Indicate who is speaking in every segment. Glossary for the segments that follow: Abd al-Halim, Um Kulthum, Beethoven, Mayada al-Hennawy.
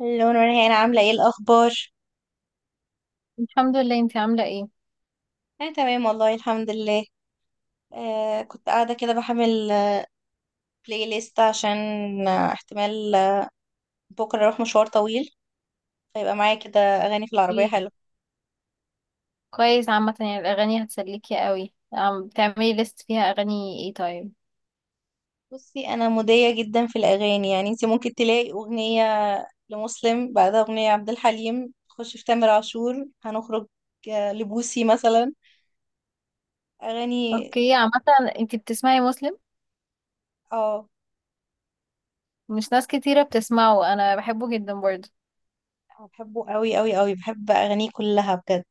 Speaker 1: اللون ورهان عاملة ايه الأخبار؟
Speaker 2: الحمد لله. انتي عاملة ايه؟
Speaker 1: أنا تمام والله الحمد لله. كنت قاعدة كده بحمل بلاي ليست عشان احتمال. بكرة أروح مشوار طويل، فيبقى معايا كده أغاني في العربية
Speaker 2: إيه.
Speaker 1: حلوة.
Speaker 2: كويس عامة، يعني الأغاني هتسليكي قوي. عم بتعملي ليست فيها أغاني ايه طيب؟
Speaker 1: بصي، أنا مودية جدا في الأغاني. يعني انتي ممكن تلاقي أغنية لمسلم، بعدها أغنية عبد الحليم، تخش في تامر عاشور، هنخرج لبوسي مثلا أغاني.
Speaker 2: اوكي عامة. انتي بتسمعي مسلم؟
Speaker 1: اه،
Speaker 2: مش ناس كتيرة بتسمعه، أنا بحبه جدا برضه.
Speaker 1: بحبه قوي قوي قوي، بحب أغانيه كلها بجد.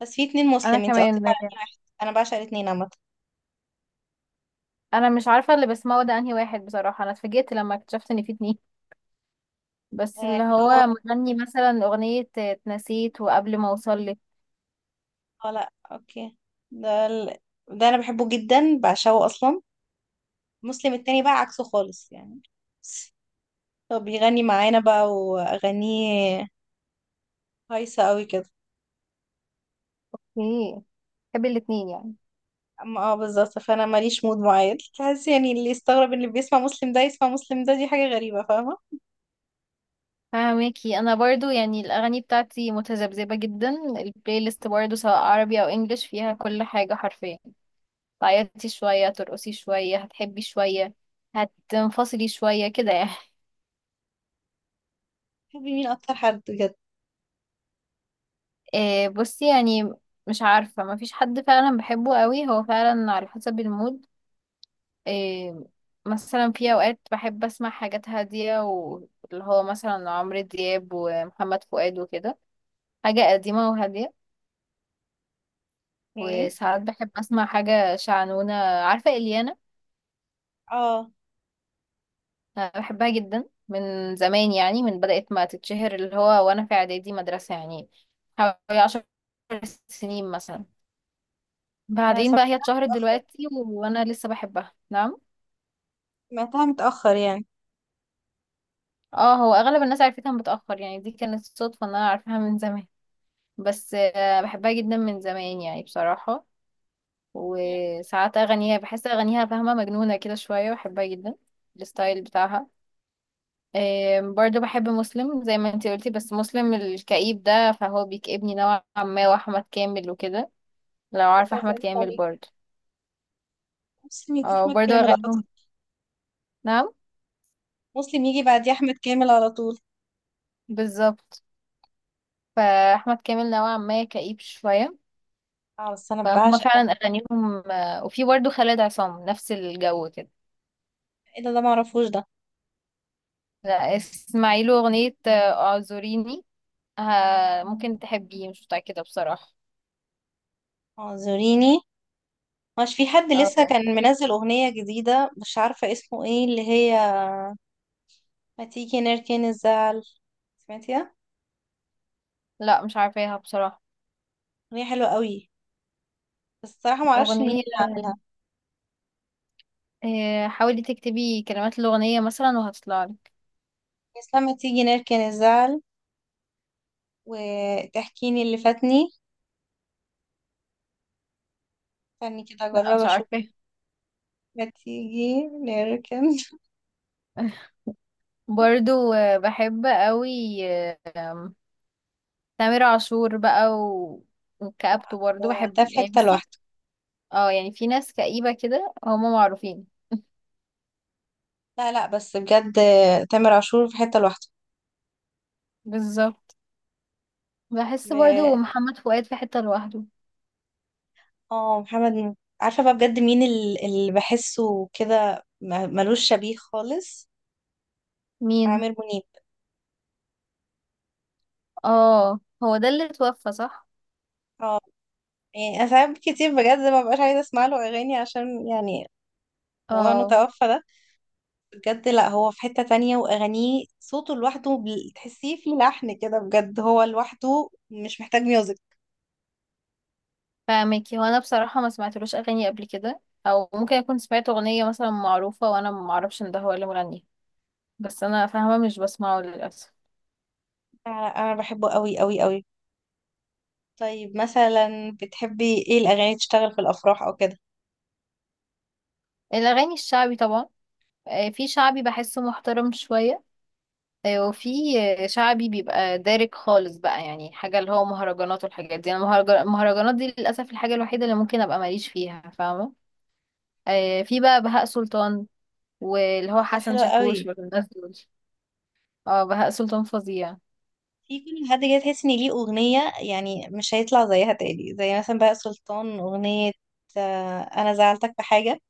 Speaker 1: بس في اتنين
Speaker 2: أنا
Speaker 1: مسلم، انتي قصدك
Speaker 2: كمان.
Speaker 1: على أغاني واحد. أنا بعشق الاتنين عامة.
Speaker 2: أنا مش عارفة اللي بسمعه ده أنهي واحد بصراحة، أنا اتفاجئت لما اكتشفت إن في اتنين. بس اللي
Speaker 1: اللي هو
Speaker 2: هو مغني مثلا أغنية اتنسيت وقبل ما أوصلك.
Speaker 1: اه لا اوكي. ده ال... ده انا بحبه جدا، بعشقه اصلا. مسلم التاني بقى عكسه خالص يعني، هو بيغني معانا بقى، واغانيه هايصه قوي كده.
Speaker 2: ايه، بحب الاتنين يعني.
Speaker 1: اما بالظبط، فانا ماليش مود معين. تحس يعني اللي يستغرب ان اللي بيسمع مسلم ده يسمع مسلم ده، دي حاجه غريبه، فاهمه.
Speaker 2: فاهمكي، انا برضو يعني الاغاني بتاعتي متذبذبه جدا. البلاي ليست برضو سواء عربي او انجليش فيها كل حاجه حرفيا. تعيطي شويه، ترقصي شويه، هتحبي شويه، هتنفصلي شويه كده يعني.
Speaker 1: بتحبي مين اكتر حد بجد؟
Speaker 2: إيه، بصي يعني، مش عارفه، ما فيش حد فعلا بحبه قوي، هو فعلا على حسب المود. إيه، مثلا في اوقات بحب اسمع حاجات هاديه، واللي هو مثلا عمرو دياب ومحمد فؤاد وكده. حاجه قديمه وهاديه.
Speaker 1: ايه.
Speaker 2: وساعات بحب اسمع حاجة شعنونة، عارفة اليانا؟
Speaker 1: اه،
Speaker 2: أنا بحبها جدا من زمان يعني، من بدأت ما تتشهر اللي هو وانا في اعدادي مدرسة يعني. حوالي 10 سنين مثلا.
Speaker 1: انا
Speaker 2: بعدين بقى هي
Speaker 1: سمعتها
Speaker 2: اتشهرت
Speaker 1: متاخر،
Speaker 2: دلوقتي وانا لسه بحبها، نعم.
Speaker 1: سمعتها متاخر يعني.
Speaker 2: اه، هو اغلب الناس عرفتها متأخر يعني، دي كانت صدفة ان انا عارفاها من زمان. بس بحبها جدا من زمان يعني بصراحة.
Speaker 1: مم.
Speaker 2: وساعات اغانيها بحس اغانيها فاهمة مجنونة كده شوية، بحبها جدا. الستايل بتاعها. برضو بحب مسلم زي ما انتي قلتي، بس مسلم الكئيب ده فهو بيكئبني نوعا ما، واحمد كامل وكده. لو عارفه
Speaker 1: لسه
Speaker 2: احمد
Speaker 1: هسألك
Speaker 2: كامل
Speaker 1: عليه.
Speaker 2: برضو.
Speaker 1: مسلم يجي
Speaker 2: اه،
Speaker 1: احمد
Speaker 2: برضو
Speaker 1: كامل على طول.
Speaker 2: اغانيهم. نعم.
Speaker 1: مسلم يجي بعد احمد كامل على طول.
Speaker 2: بالظبط. فاحمد كامل نوعا ما كئيب شويه.
Speaker 1: اه بس انا
Speaker 2: فهما
Speaker 1: بعشق.
Speaker 2: فعلا اغانيهم، وفي برضو خالد عصام نفس الجو كده.
Speaker 1: ايه ده؟ ده معرفوش ده.
Speaker 2: لا، اسمعي له اغنيه، اعذريني. ممكن تحبيه، مش متاكده بصراحه.
Speaker 1: اعذريني؟ مش في حد لسه
Speaker 2: اه.
Speaker 1: كان منزل اغنية جديدة، مش عارفة اسمه ايه اللي هي ما تيجي نركن الزعل؟ سمعتيها؟
Speaker 2: لا، مش عارفاها بصراحه.
Speaker 1: اغنية حلوة قوي، بس الصراحة ما اعرفش مين اللي
Speaker 2: اغنيه،
Speaker 1: عاملها.
Speaker 2: حاولي تكتبي كلمات الأغنية مثلا وهتطلع لك.
Speaker 1: بس لما تيجي نركن الزعل وتحكيني اللي فاتني. استني كده
Speaker 2: لا،
Speaker 1: اجرب
Speaker 2: مش
Speaker 1: اشوف.
Speaker 2: عارفة.
Speaker 1: ما تيجي نركن
Speaker 2: برضو بحب قوي. آه، آم، تامر عاشور بقى وكآبته
Speaker 1: ده
Speaker 2: برضو بحب
Speaker 1: في
Speaker 2: يعني،
Speaker 1: حتة
Speaker 2: بصي.
Speaker 1: لوحده.
Speaker 2: اه يعني في ناس كئيبة كده هما معروفين.
Speaker 1: لا لا، بس بجد، تامر عاشور في حتة
Speaker 2: بالظبط. بحس برضو
Speaker 1: لوحده.
Speaker 2: محمد فؤاد في حتة لوحده.
Speaker 1: اه محمد عارفة بقى بجد مين اللي بحسه كده ملوش شبيه خالص.
Speaker 2: مين؟
Speaker 1: عامر منيب.
Speaker 2: اه، هو ده اللي اتوفى، صح؟
Speaker 1: اه، يعني انا ساعات كتير بجد ما ببقاش عايزة اسمع له اغاني، عشان يعني والله انه
Speaker 2: اه.
Speaker 1: توفى ده بجد. لا، هو في حتة تانية، واغانيه صوته لوحده، تحسيه فيه لحن كده بجد، هو لوحده مش محتاج ميوزك.
Speaker 2: فاهمك، هو انا بصراحة ما سمعتلوش اغاني قبل كده. او ممكن اكون سمعت اغنية مثلا معروفة وانا ما اعرفش ان ده هو اللي مغني. بس انا فاهمة، مش بسمعه للأسف.
Speaker 1: أنا بحبه قوي قوي قوي. طيب مثلا بتحبي ايه الاغاني تشتغل في الافراح او كده؟
Speaker 2: الأغاني الشعبي طبعا. في شعبي بحسه محترم شوية. وفي شعبي بيبقى دارك خالص بقى، يعني حاجة اللي هو مهرجانات والحاجات دي، انا المهرجانات دي للأسف الحاجة الوحيدة اللي ممكن ابقى ماليش فيها، فاهمة؟ في بقى بهاء سلطان، واللي
Speaker 1: اه
Speaker 2: هو
Speaker 1: ده
Speaker 2: حسن
Speaker 1: حلو قوي.
Speaker 2: شاكوش والناس دول. اه، بهاء سلطان فظيع.
Speaker 1: في كل حد كده، تحس ان ليه اغنية يعني مش هيطلع زيها تاني، زي مثلا بقى سلطان اغنية. انا زعلتك بحاجة،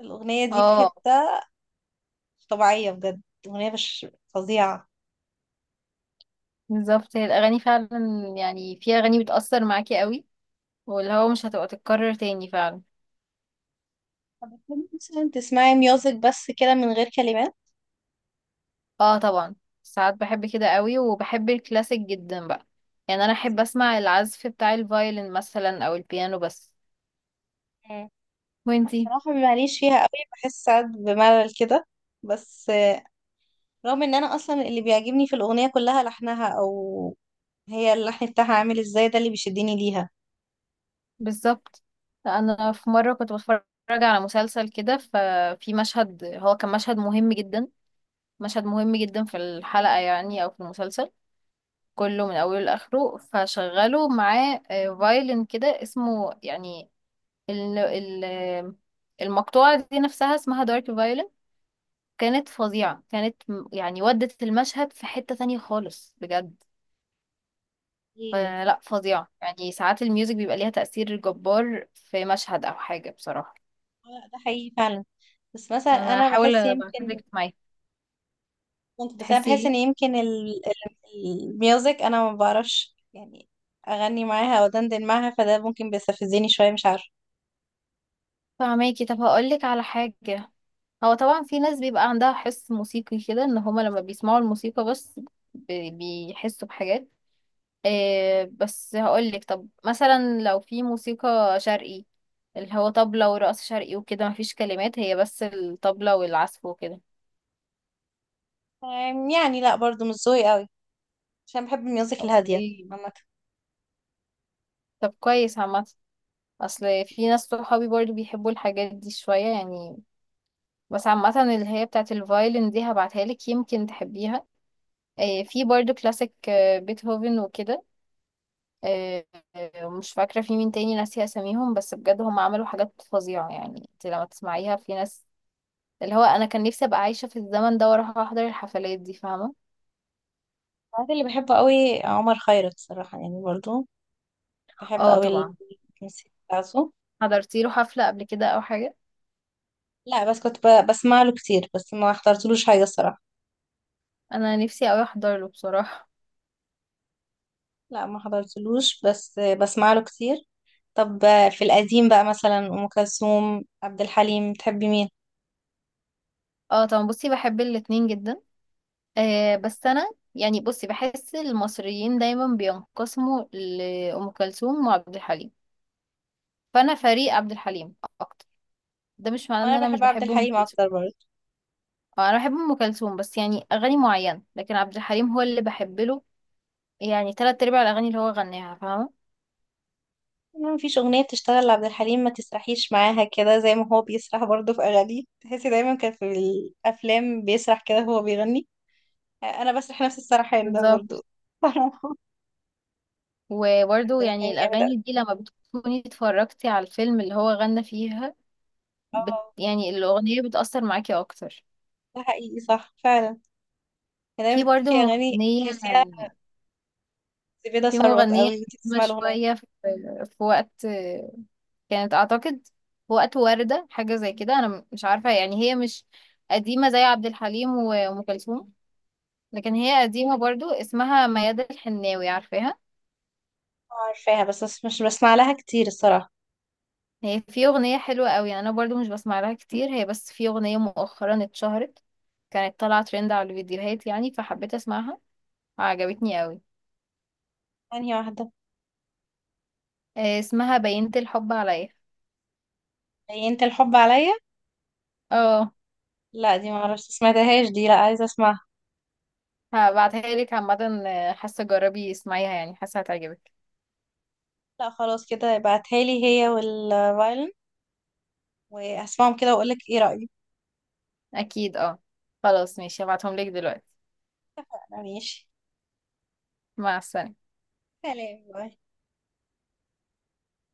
Speaker 1: الاغنية دي في
Speaker 2: اه
Speaker 1: حتة مش طبيعية بجد، اغنية مش فظيعة.
Speaker 2: بالظبط، هي الأغاني فعلا. يعني في أغاني بتأثر معاكي قوي، واللي هو مش هتبقى تتكرر تاني فعلا.
Speaker 1: طب بتحبي مثلا تسمعي ميوزك بس كده من غير كلمات؟
Speaker 2: اه طبعا. ساعات بحب كده قوي، وبحب الكلاسيك جدا بقى. يعني انا احب اسمع العزف بتاع الفايلن مثلا او البيانو بس.
Speaker 1: مم.
Speaker 2: وانتي؟
Speaker 1: صراحة ماليش فيها قوي، بحس ساعات بملل كده، بس رغم ان انا اصلا اللي بيعجبني في الاغنية كلها لحنها، او هي اللحن بتاعها عامل ازاي، ده اللي بيشدني ليها.
Speaker 2: بالظبط. انا في مره كنت بتفرج على مسلسل كده، ففي مشهد، هو كان مشهد مهم جدا. مشهد مهم جدا في الحلقه يعني، او في المسلسل كله من اوله لاخره. فشغلوا معاه فايلن كده اسمه يعني. ال ال المقطوعه دي نفسها اسمها دارك فايلن. كانت فظيعة، كانت يعني ودت المشهد في حتة تانية خالص بجد.
Speaker 1: ايه.
Speaker 2: فلا، فظيعة. يعني ساعات الميوزك بيبقى ليها تأثير جبار في مشهد أو حاجة بصراحة.
Speaker 1: ده حقيقي فعلا. بس مثلا
Speaker 2: أنا
Speaker 1: انا
Speaker 2: هحاول
Speaker 1: بحس يمكن،
Speaker 2: أبعتلك معايا.
Speaker 1: ممكن، بس انا
Speaker 2: تحسي
Speaker 1: بحس
Speaker 2: إيه؟
Speaker 1: ان يمكن الميوزك انا ما بعرفش يعني اغني معاها او دندن معاها، فده ممكن بيستفزني شويه، مش عارفه.
Speaker 2: فهماكي، طب هقولك على حاجة. هو طبعا في ناس بيبقى عندها حس موسيقي كده، إن هما لما بيسمعوا الموسيقى بس بيحسوا بحاجات. إيه، بس هقولك طب مثلا لو في موسيقى شرقي، اللي هو طبلة ورقص شرقي وكده، مفيش كلمات، هي بس الطبلة والعزف وكده.
Speaker 1: يعني لا برضو مش ذوقي قوي، عشان بحب الميوزك الهاديه
Speaker 2: اوكي.
Speaker 1: عامه.
Speaker 2: طب كويس عامة، اصل في ناس صحابي برضو بيحبوا الحاجات دي شوية يعني. بس عامة اللي هي بتاعت الفايلن دي هبعتها لك، يمكن تحبيها. إيه، في برضو كلاسيك، بيتهوفن وكده. إيه. مش فاكرة في مين تاني، ناسية اساميهم، بس بجد هم عملوا حاجات فظيعة يعني انت لما تسمعيها. في ناس، اللي هو انا كان نفسي ابقى عايشه في الزمن ده واروح احضر الحفلات دي، فاهمه؟
Speaker 1: بعد اللي بحبه قوي عمر خيرت صراحه، يعني برضو بحب
Speaker 2: اه
Speaker 1: قوي
Speaker 2: طبعا.
Speaker 1: الموسيقى بتاعته.
Speaker 2: حضرتي له حفله قبل كده او حاجه؟
Speaker 1: لا، بس كنت بسمع له كتير، بس ما حضرتلوش حاجه الصراحه.
Speaker 2: انا نفسي اوي احضر له بصراحه.
Speaker 1: لا ما حضرتلوش، بس بسمع له كتير. طب في القديم بقى، مثلا ام كلثوم، عبد الحليم، تحبي مين؟
Speaker 2: اه طبعا، بصي بحب الاتنين جدا. بس انا يعني، بصي، بحس المصريين دايما بينقسموا لأم كلثوم وعبد الحليم. فانا فريق عبد الحليم اكتر. ده مش معناه ان
Speaker 1: وانا
Speaker 2: انا مش
Speaker 1: بحب عبد
Speaker 2: بحب ام
Speaker 1: الحليم
Speaker 2: كلثوم.
Speaker 1: اكتر برضه.
Speaker 2: اه، انا بحب ام كلثوم بس يعني اغاني معينه، لكن عبد الحليم هو اللي بحب له، يعني تلات ارباع الاغاني اللي هو غناها، فاهمه؟
Speaker 1: ما فيش اغنيه بتشتغل لعبد الحليم ما تسرحيش معاها كده، زي ما هو بيسرح برضه في اغانيه، تحسي دايما كان في الافلام بيسرح كده وهو بيغني. انا بسرح نفس السرحان ده
Speaker 2: بالظبط.
Speaker 1: برضه. عبد
Speaker 2: وبرضه يعني
Speaker 1: الحليم جامد أوي.
Speaker 2: الأغاني دي لما بتكوني اتفرجتي على الفيلم اللي هو غنى فيها،
Speaker 1: اه
Speaker 2: يعني الأغنية بتأثر معاكي أكتر.
Speaker 1: ده حقيقي صح فعلا. يعني
Speaker 2: في
Speaker 1: أنا
Speaker 2: برضه
Speaker 1: في اغاني
Speaker 2: مغنية،
Speaker 1: تحسيها زبيدة
Speaker 2: في
Speaker 1: ثروت
Speaker 2: مغنية
Speaker 1: قوي وانتي
Speaker 2: قديمة
Speaker 1: تسمعي الاغنيه.
Speaker 2: شوية، في وقت كانت، أعتقد في وقت وردة حاجة زي كده، أنا مش عارفة. يعني هي مش قديمة زي عبد الحليم وأم كلثوم، لكن هي قديمة برضه، اسمها ميادة الحناوي، عارفاها؟
Speaker 1: عارفاها، بس مش بسمع لها كتير الصراحه.
Speaker 2: هي في أغنية حلوة قوي، يعني أنا برضو مش بسمع لها كتير، هي بس في أغنية مؤخرا اتشهرت، كانت طالعة ترند على الفيديوهات يعني، فحبيت أسمعها. عجبتني قوي.
Speaker 1: ثانيه واحده.
Speaker 2: اسمها بينت الحب عليا.
Speaker 1: هي انت الحب عليا؟
Speaker 2: اه.
Speaker 1: لا دي ما اعرفش، سمعتهاش دي، لا عايزه اسمعها.
Speaker 2: هبعتها لك عامة، حاسة جربي اسمعيها يعني، حاسة هتعجبك.
Speaker 1: لا خلاص كده، ابعتها لي هي والفايلن، وهسمعهم كده واقول لك ايه رأيي.
Speaker 2: أكيد اه. خلاص ماشي، هبعتهم لك دلوقتي.
Speaker 1: أنا ماشي.
Speaker 2: مع السلامة.
Speaker 1: سلام، باي.